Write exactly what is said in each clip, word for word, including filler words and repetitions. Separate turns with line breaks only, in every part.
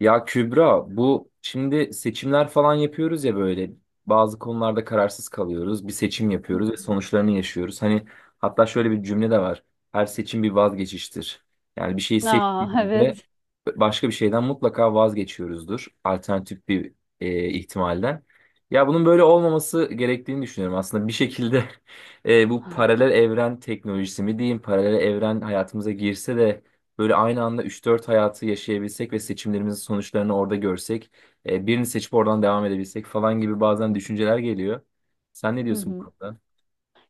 Ya Kübra bu şimdi seçimler falan yapıyoruz ya böyle bazı konularda kararsız kalıyoruz. Bir seçim
Hı.
yapıyoruz ve sonuçlarını yaşıyoruz. Hani hatta şöyle bir cümle de var. Her seçim bir vazgeçiştir. Yani bir şeyi
Aa,
seçtiğimizde
evet.
başka bir şeyden mutlaka vazgeçiyoruzdur. Alternatif bir e, ihtimalden. Ya bunun böyle olmaması gerektiğini düşünüyorum. Aslında bir şekilde e, bu paralel evren teknolojisi mi diyeyim, paralel evren hayatımıza girse de böyle aynı anda üç dört hayatı yaşayabilsek ve seçimlerimizin sonuçlarını orada görsek, e, birini seçip oradan devam edebilsek falan gibi bazen düşünceler geliyor. Sen ne
Hı
diyorsun bu
hı.
konuda?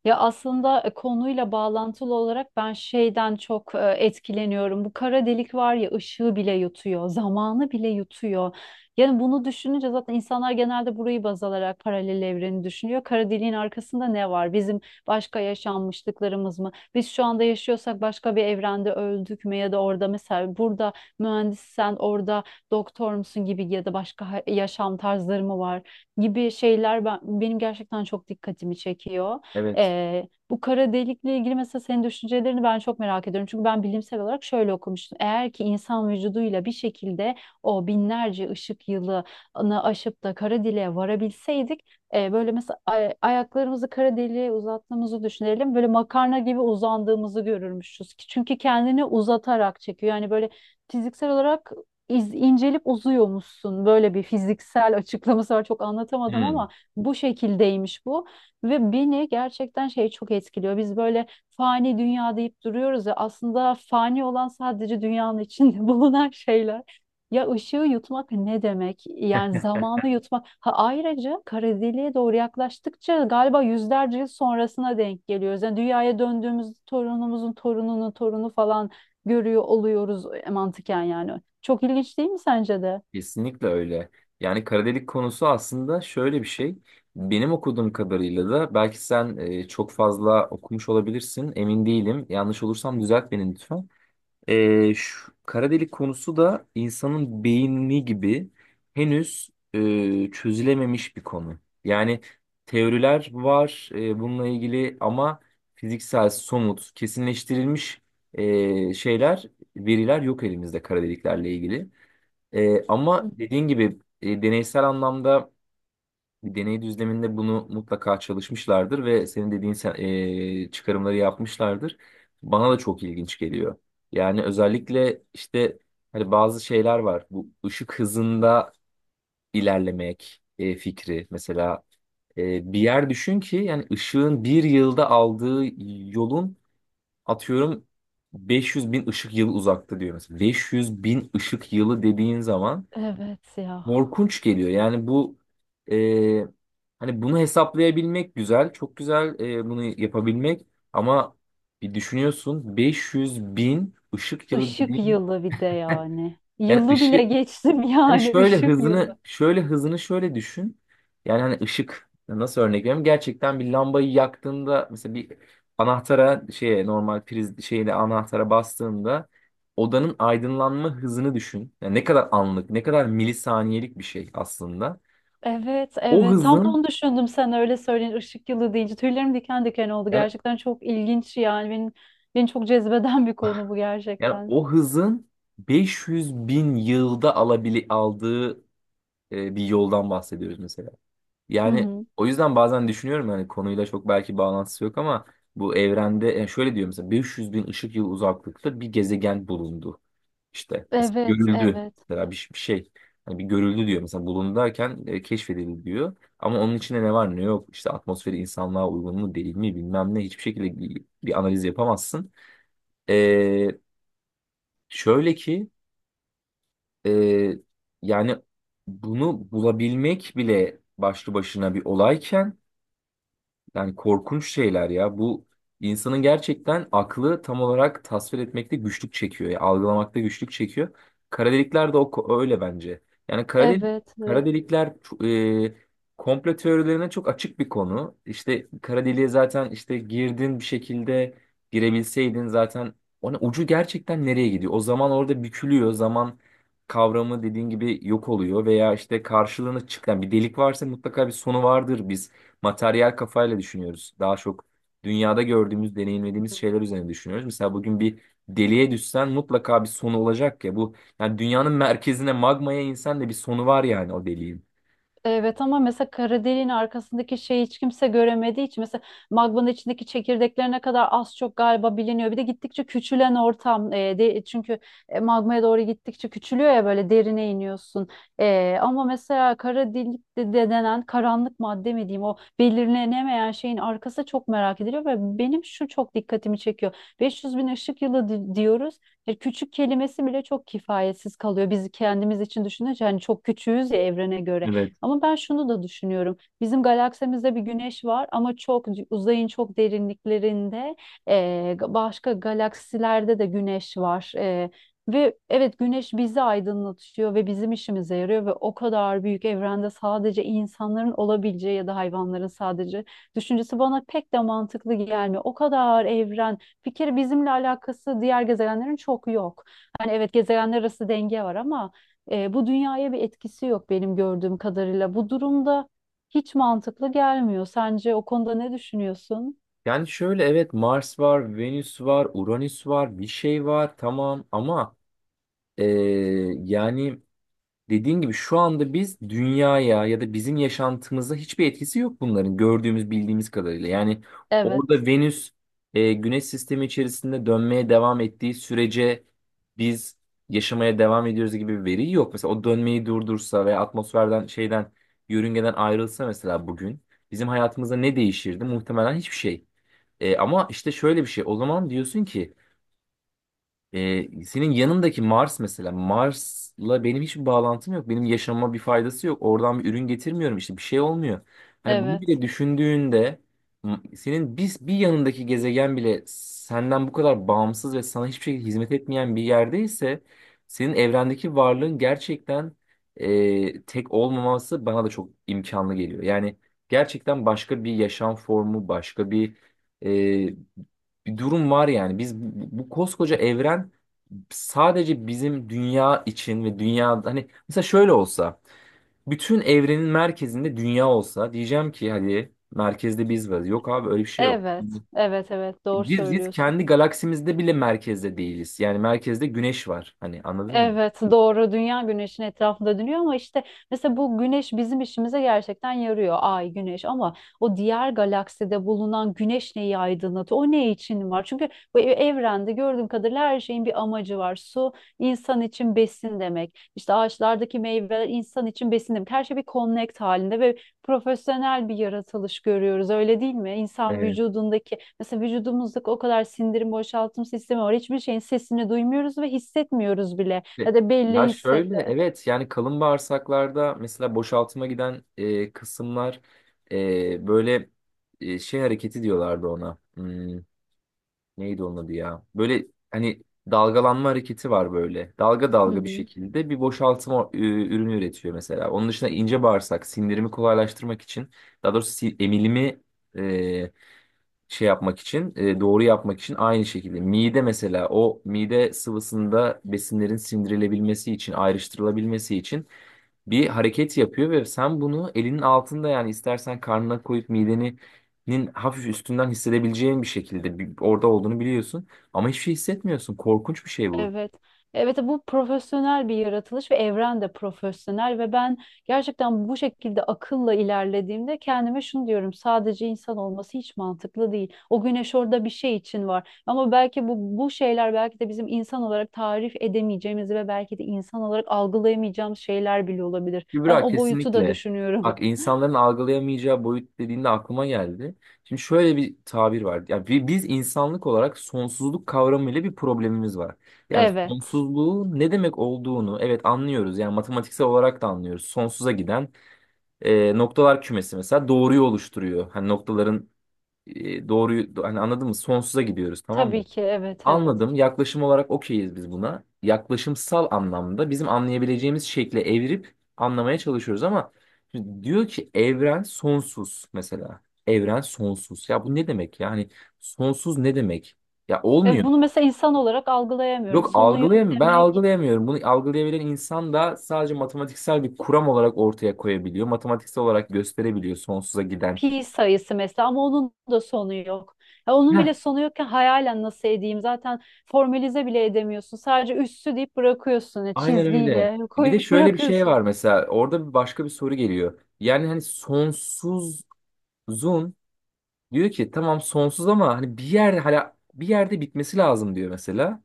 Ya aslında e, konuyla bağlantılı olarak ben şeyden çok e, etkileniyorum. Bu kara delik var ya, ışığı bile yutuyor, zamanı bile yutuyor. Yani bunu düşününce zaten insanlar genelde burayı baz alarak paralel evreni düşünüyor. Kara deliğin arkasında ne var? Bizim başka yaşanmışlıklarımız mı? Biz şu anda yaşıyorsak başka bir evrende öldük mü? Ya da orada mesela burada mühendissen, orada doktor musun gibi, ya da başka ha- yaşam tarzları mı var gibi şeyler ben, benim gerçekten çok dikkatimi çekiyor.
Evet.
Ee, bu kara delikle ilgili mesela senin düşüncelerini ben çok merak ediyorum. Çünkü ben bilimsel olarak şöyle okumuştum. Eğer ki insan vücuduyla bir şekilde o binlerce ışık yılını aşıp da kara deliğe varabilseydik, e, böyle mesela ay- ayaklarımızı kara deliğe uzattığımızı düşünelim. Böyle makarna gibi uzandığımızı görürmüşüz. Çünkü kendini uzatarak çekiyor. Yani böyle fiziksel olarak iz- incelip uzuyormuşsun. Böyle bir fiziksel açıklaması var. Çok anlatamadım
Hmm,
ama bu şekildeymiş bu. Ve beni gerçekten şey çok etkiliyor. Biz böyle fani dünya deyip duruyoruz ya, aslında fani olan sadece dünyanın içinde bulunan şeyler. Ya ışığı yutmak ne demek? Yani zamanı yutmak. Ha, ayrıca kara deliğe doğru yaklaştıkça galiba yüzlerce yıl sonrasına denk geliyoruz. Yani dünyaya döndüğümüz torunumuzun torununun torunu falan görüyor oluyoruz e, mantıken yani. Çok ilginç değil mi sence de?
kesinlikle öyle. Yani kara delik konusu aslında şöyle bir şey. Benim okuduğum kadarıyla da belki sen e, çok fazla okumuş olabilirsin. Emin değilim. Yanlış olursam düzelt beni lütfen. Ee, şu kara delik konusu da insanın beyni gibi henüz e, çözülememiş bir konu. Yani teoriler var e, bununla ilgili ama fiziksel, somut, kesinleştirilmiş e, şeyler, veriler yok elimizde kara deliklerle ilgili. E,
Hı
ama
hı.
dediğin gibi e, deneysel anlamda bir deney düzleminde bunu mutlaka çalışmışlardır ve senin dediğin sen- eee, çıkarımları yapmışlardır. Bana da çok ilginç geliyor. Yani özellikle işte hani bazı şeyler var. Bu ışık hızında ilerlemek eee, fikri. Mesela eee, bir yer düşün ki yani ışığın bir yılda aldığı yolun atıyorum 500 bin ışık yılı uzakta diyor mesela. 500 bin ışık yılı dediğin zaman
Evet ya.
korkunç geliyor. Yani bu e, hani bunu hesaplayabilmek güzel, çok güzel, e, bunu yapabilmek ama bir düşünüyorsun 500 bin ışık yılı
Işık
dediğin
yılı bir de yani.
yani
Yılı bile
ışık
geçtim
hani
yani,
şöyle
ışık yılı.
hızını şöyle hızını şöyle düşün. Yani hani ışık nasıl örnek vereyim? Gerçekten bir lambayı yaktığında mesela bir anahtara şeye normal priz şeyle anahtara bastığında odanın aydınlanma hızını düşün. Yani ne kadar anlık, ne kadar milisaniyelik bir şey aslında.
Evet,
O
evet, tam da
hızın
onu düşündüm. Sen öyle söyleyin ışık yılı deyince tüylerim diken diken oldu.
yani
Gerçekten çok ilginç yani, benim beni çok cezbeden bir konu bu
yani
gerçekten.
o hızın 500 bin yılda alabili aldığı e, bir yoldan bahsediyoruz mesela.
Hı
Yani
hı.
o yüzden bazen düşünüyorum, yani konuyla çok belki bağlantısı yok ama bu evrende yani şöyle diyor mesela 500 bin ışık yılı uzaklıkta bir gezegen bulundu. İşte mesela
Evet,
görüldü,
evet,
mesela bir, bir şey. Hani bir görüldü diyor mesela, bulundu derken e, keşfedildi diyor. Ama onun içinde ne var ne yok, işte atmosferi insanlığa uygun mu değil mi, bilmem ne, hiçbir şekilde bir, bir analiz yapamazsın. E, Şöyle ki e, yani bunu bulabilmek bile başlı başına bir olayken yani korkunç şeyler ya. Bu insanın gerçekten aklı tam olarak tasvir etmekte güçlük çekiyor. Ya algılamakta güçlük çekiyor. Kara delikler de o, ko- öyle bence. Yani kara, delik,
evet,
kara
evet.
delikler ço- e, komplo teorilerine çok açık bir konu. İşte kara deliğe zaten, işte girdin bir şekilde, girebilseydin zaten, ona ucu gerçekten nereye gidiyor? O zaman orada bükülüyor. Zaman kavramı dediğin gibi yok oluyor veya işte karşılığını çıkan bir delik varsa mutlaka bir sonu vardır. Biz materyal kafayla düşünüyoruz. Daha çok dünyada gördüğümüz, deneyimlediğimiz şeyler üzerine düşünüyoruz. Mesela bugün bir deliğe düşsen mutlaka bir sonu olacak ya. Bu yani dünyanın merkezine, magmaya insen de bir sonu var yani o deliğin.
Evet, ama mesela kara deliğin arkasındaki şeyi hiç kimse göremediği için mesela magmanın içindeki çekirdeklerine kadar az çok galiba biliniyor. Bir de gittikçe küçülen ortam, e, de, çünkü e, magmaya doğru gittikçe küçülüyor ya, böyle derine iniyorsun. E, ama mesela kara delik de, de denen karanlık madde mi diyeyim, o belirlenemeyen şeyin arkası çok merak ediliyor ve benim şu çok dikkatimi çekiyor. beş yüz bin ışık yılı di- diyoruz. E, küçük kelimesi bile çok kifayetsiz kalıyor. Biz kendimiz için düşününce hani çok küçüğüz ya, evrene göre.
Evet.
Ama ben şunu da düşünüyorum. Bizim galaksimizde bir güneş var ama çok uzayın çok derinliklerinde, e, başka galaksilerde de güneş var. E, ve evet, güneş bizi aydınlatıyor ve bizim işimize yarıyor ve o kadar büyük evrende sadece insanların olabileceği ya da hayvanların sadece düşüncesi bana pek de mantıklı gelmiyor. O kadar evren, bir kere bizimle alakası diğer gezegenlerin çok yok. Hani evet, gezegenler arası denge var ama e, bu dünyaya bir etkisi yok benim gördüğüm kadarıyla. Bu durumda hiç mantıklı gelmiyor. Sence o konuda ne düşünüyorsun?
Yani şöyle, evet Mars var, Venüs var, Uranüs var, bir şey var tamam ama eee, yani Dediğin gibi şu anda biz dünyaya ya da bizim yaşantımıza hiçbir etkisi yok bunların, gördüğümüz bildiğimiz kadarıyla. Yani
Evet,
orada Venüs e, Güneş sistemi içerisinde dönmeye devam ettiği sürece biz yaşamaya devam ediyoruz gibi bir veri yok. Mesela o dönmeyi durdursa veya atmosferden, şeyden, yörüngeden ayrılsa mesela bugün bizim hayatımızda ne değişirdi? Muhtemelen hiçbir şey. E, ama işte şöyle bir şey, o zaman diyorsun ki ee, senin yanındaki Mars mesela, Mars'la benim hiçbir bağlantım yok. Benim yaşamama bir faydası yok. Oradan bir ürün getirmiyorum, işte bir şey olmuyor. Hani bunu
evet,
bile düşündüğünde m- senin bir, bir yanındaki gezegen bile senden bu kadar bağımsız ve sana hiçbir şekilde hizmet etmeyen bir yerdeyse senin evrendeki varlığın gerçekten e, tek olmaması bana da çok imkanlı geliyor. Yani gerçekten başka bir yaşam formu, başka bir e, bir durum var yani. Biz bu, bu koskoca evren sadece bizim dünya için ve dünya, hani mesela şöyle olsa, bütün evrenin merkezinde dünya olsa, diyeceğim ki hadi merkezde biz varız. Yok abi öyle bir şey yok.
evet, evet, evet, doğru
Biz, biz
söylüyorsun.
kendi galaksimizde bile merkezde değiliz. Yani merkezde güneş var. Hani anladın mı?
Evet, doğru, dünya güneşin etrafında dönüyor ama işte mesela bu güneş bizim işimize gerçekten yarıyor, ay, güneş, ama o diğer galakside bulunan güneş neyi aydınlatıyor, o ne için var? Çünkü bu e- evrende gördüğüm kadarıyla her şeyin bir amacı var. Su insan için besin demek, işte ağaçlardaki meyveler insan için besin demek. Her şey bir connect halinde ve profesyonel bir yaratılış görüyoruz, öyle değil mi? İnsan
Evet.
vücudundaki, mesela vücudumuzdaki o kadar sindirim boşaltım sistemi var. Hiçbir şeyin sesini duymuyoruz ve hissetmiyoruz bile,
Ve-
ya da
ya
belli
şöyle,
hissetler.
evet yani kalın bağırsaklarda mesela boşaltıma giden e, kısımlar, e, böyle e, şey hareketi diyorlardı ona. Hmm, Neydi onun adı ya? Böyle hani dalgalanma hareketi var böyle. Dalga
Hı
dalga bir
hı.
şekilde bir boşaltma e, ürünü üretiyor mesela. Onun dışında ince bağırsak sindirimi kolaylaştırmak için, daha doğrusu si- emilimi e, şey yapmak için, e, doğru yapmak için, aynı şekilde mide mesela, o mide sıvısında besinlerin sindirilebilmesi için, ayrıştırılabilmesi için bir hareket yapıyor ve sen bunu elinin altında, yani istersen karnına koyup midenin hafif üstünden hissedebileceğin bir şekilde bir- orada olduğunu biliyorsun ama hiçbir şey hissetmiyorsun. Korkunç bir şey bu.
Evet. Evet, bu profesyonel bir yaratılış ve evren de profesyonel ve ben gerçekten bu şekilde akılla ilerlediğimde kendime şunu diyorum: sadece insan olması hiç mantıklı değil. O güneş orada bir şey için var ama belki bu, bu şeyler belki de bizim insan olarak tarif edemeyeceğimiz ve belki de insan olarak algılayamayacağımız şeyler bile olabilir. Ben
Kübra
o boyutu da
kesinlikle.
düşünüyorum.
Bak insanların algılayamayacağı boyut dediğinde aklıma geldi. Şimdi şöyle bir tabir var. Yani bi- biz insanlık olarak sonsuzluk kavramıyla bir problemimiz var. Yani
Evet.
sonsuzluğu ne demek olduğunu, evet, anlıyoruz. Yani matematiksel olarak da anlıyoruz. Sonsuza giden e, noktalar kümesi mesela doğruyu oluşturuyor. Hani noktaların e, doğruyu, hani anladın mı? Sonsuza gidiyoruz tamam
Tabii
mı?
ki, evet, evet.
Anladım. Yaklaşım olarak okeyiz biz buna. Yaklaşımsal anlamda bizim anlayabileceğimiz şekle evirip anlamaya çalışıyoruz ama şimdi diyor ki evren sonsuz mesela. Evren sonsuz. Ya bu ne demek ya? Hani sonsuz ne demek? Ya
E,
olmuyor.
bunu mesela insan olarak algılayamıyorum.
Yok,
Sonu yok
algılayamıyorum. Ben
demek.
algılayamıyorum. Bunu algılayabilen insan da sadece matematiksel bir kuram olarak ortaya koyabiliyor. Matematiksel olarak gösterebiliyor sonsuza giden.
Pi sayısı mesela, ama onun da sonu yok. Ya onun
Heh,
bile sonu yokken hayalen nasıl edeyim? Zaten formalize bile edemiyorsun. Sadece üssü deyip bırakıyorsun, ya
Aynen öyle.
çizgiyle
Bir de
koyup
şöyle bir şey
bırakıyorsun.
var mesela, orada bir başka bir soru geliyor. Yani hani sonsuzun, diyor ki tamam sonsuz ama hani bir yerde, hala bir yerde bitmesi lazım, diyor mesela.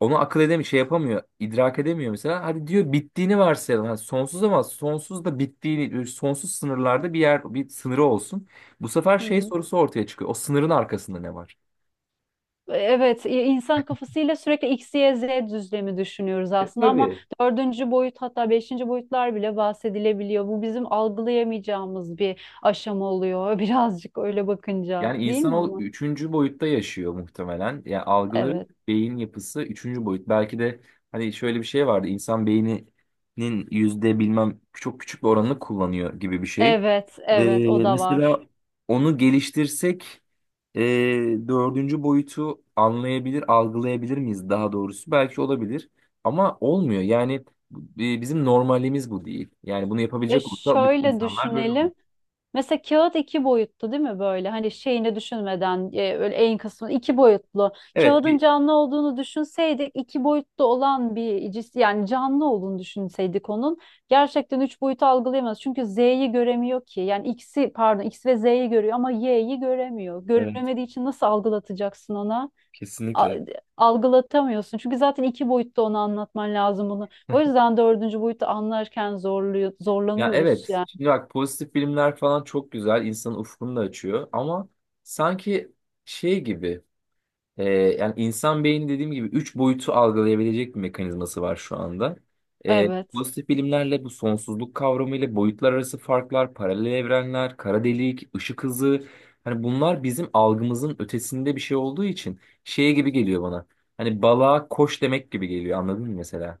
Onu akıl edemiyor, şey yapamıyor, idrak edemiyor mesela. Hadi diyor, bittiğini varsayalım. Hani sonsuz ama sonsuz da bittiğini, e, sonsuz sınırlarda bir yer, bir sınırı olsun. Bu sefer şey
Hı.
sorusu ortaya çıkıyor. O sınırın arkasında ne var?
Evet, i- insan kafasıyla sürekli X, Y, Z düzlemi düşünüyoruz
E,
aslında ama
tabii.
dördüncü boyut, hatta beşinci boyutlar bile bahsedilebiliyor. Bu bizim algılayamayacağımız bir aşama oluyor birazcık öyle bakınca,
Yani
değil mi
insanoğlu
ama?
üçüncü boyutta yaşıyor muhtemelen. Yani algıları,
Evet,
beyin yapısı üçüncü boyut. Belki de hani şöyle bir şey vardı. İnsan beyninin yüzde bilmem, çok küçük bir oranını kullanıyor gibi bir şey.
evet,
Ee,
evet o da
mesela
var.
onu geliştirsek e, dördüncü boyutu anlayabilir, algılayabilir miyiz daha doğrusu? Belki olabilir ama olmuyor. Yani e, bizim normalimiz bu değil. Yani bunu
Ve
yapabilecek olsa bütün
şöyle
insanlar böyle olur.
düşünelim. Mesela kağıt iki boyutlu değil mi böyle? Hani şeyini düşünmeden, e, öyle en kısmı iki boyutlu.
Evet,
Kağıdın
bir...
canlı olduğunu düşünseydik, iki boyutlu olan bir cis, yani canlı olduğunu düşünseydik onun gerçekten üç boyutu algılayamaz. Çünkü Z'yi göremiyor ki. Yani X'i, pardon, X ve Z'yi görüyor ama Y'yi göremiyor.
Evet,
Göremediği için nasıl algılatacaksın ona? A-
kesinlikle.
Algılatamıyorsun. Çünkü zaten iki boyutta onu anlatman lazım bunu. O yüzden dördüncü boyutu anlarken zorluyor,
Ya
zorlanıyoruz
evet.
yani.
Şimdi bak, pozitif bilimler falan çok güzel. İnsanın ufkunu da açıyor. Ama sanki şey gibi, e, yani insan beyni dediğim gibi üç boyutu algılayabilecek bir mekanizması var şu anda. E,
Evet.
pozitif bilimlerle, bu sonsuzluk kavramıyla, boyutlar arası farklar, paralel evrenler, kara delik, ışık hızı. Hani bunlar bizim algımızın ötesinde bir şey olduğu için şey gibi geliyor bana. Hani balığa koş demek gibi geliyor, anladın mı mesela?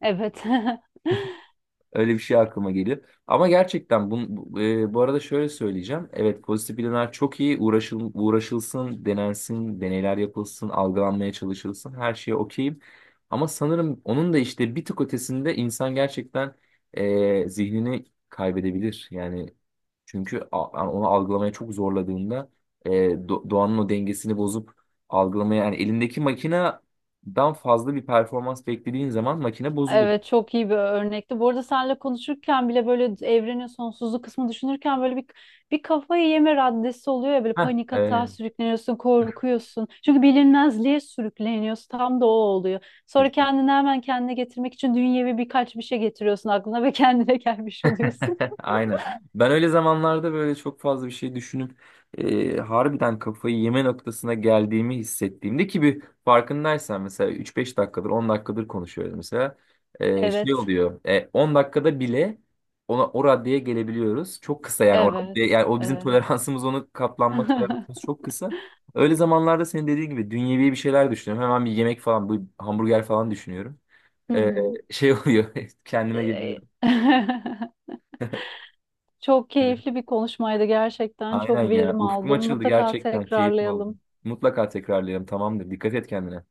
Evet.
Öyle bir şey aklıma geliyor. Ama gerçekten bu, bu, e, bu arada şöyle söyleyeceğim. Evet, pozitif bilimler çok iyi. Uğraşıl, uğraşılsın, denensin, deneyler yapılsın, algılanmaya çalışılsın. Her şeye okeyim. Ama sanırım onun da işte bir tık ötesinde insan gerçekten e, zihnini kaybedebilir. Yani çünkü a- yani onu algılamaya çok zorladığında e, do- doğanın o dengesini bozup algılamaya, yani elindeki makineden fazla bir performans beklediğin zaman makine bozulur.
Evet, çok iyi bir örnekti. Bu arada seninle konuşurken bile böyle evrenin sonsuzluğu kısmı düşünürken böyle bir bir kafayı yeme raddesi oluyor ya, böyle
Heh,
panik atağa
e,
sürükleniyorsun, korkuyorsun. Çünkü bilinmezliğe sürükleniyorsun. Tam da o oluyor. Sonra kendini hemen kendine getirmek için dünyevi birkaç bir şey getiriyorsun aklına ve kendine gelmiş oluyorsun.
Aynen. Ben öyle zamanlarda böyle çok fazla bir şey düşünüp e, harbiden kafayı yeme noktasına geldiğimi hissettiğimde, ki bir farkındaysan mesela üç beş dakikadır, on dakikadır konuşuyoruz mesela. E, şey
Evet.
oluyor, e, on dakikada bile ona o raddeye gelebiliyoruz. Çok kısa yani o raddeye,
Evet.
yani o bizim
Evet.
toleransımız, onu katlanma toleransımız çok kısa. Öyle zamanlarda senin dediğin gibi dünyevi bir şeyler düşünüyorum. Hemen bir yemek falan, bu hamburger falan düşünüyorum.
Hı
E,
hı.
şey oluyor kendime
Ee,
geliyorum.
Çok keyifli bir konuşmaydı gerçekten.
Aynen
Çok
ya.
verim
Ufkum
aldım.
açıldı
Mutlaka
gerçekten. Keyifli oldu.
tekrarlayalım.
Mutlaka tekrarlayalım. Tamamdır. Dikkat et kendine.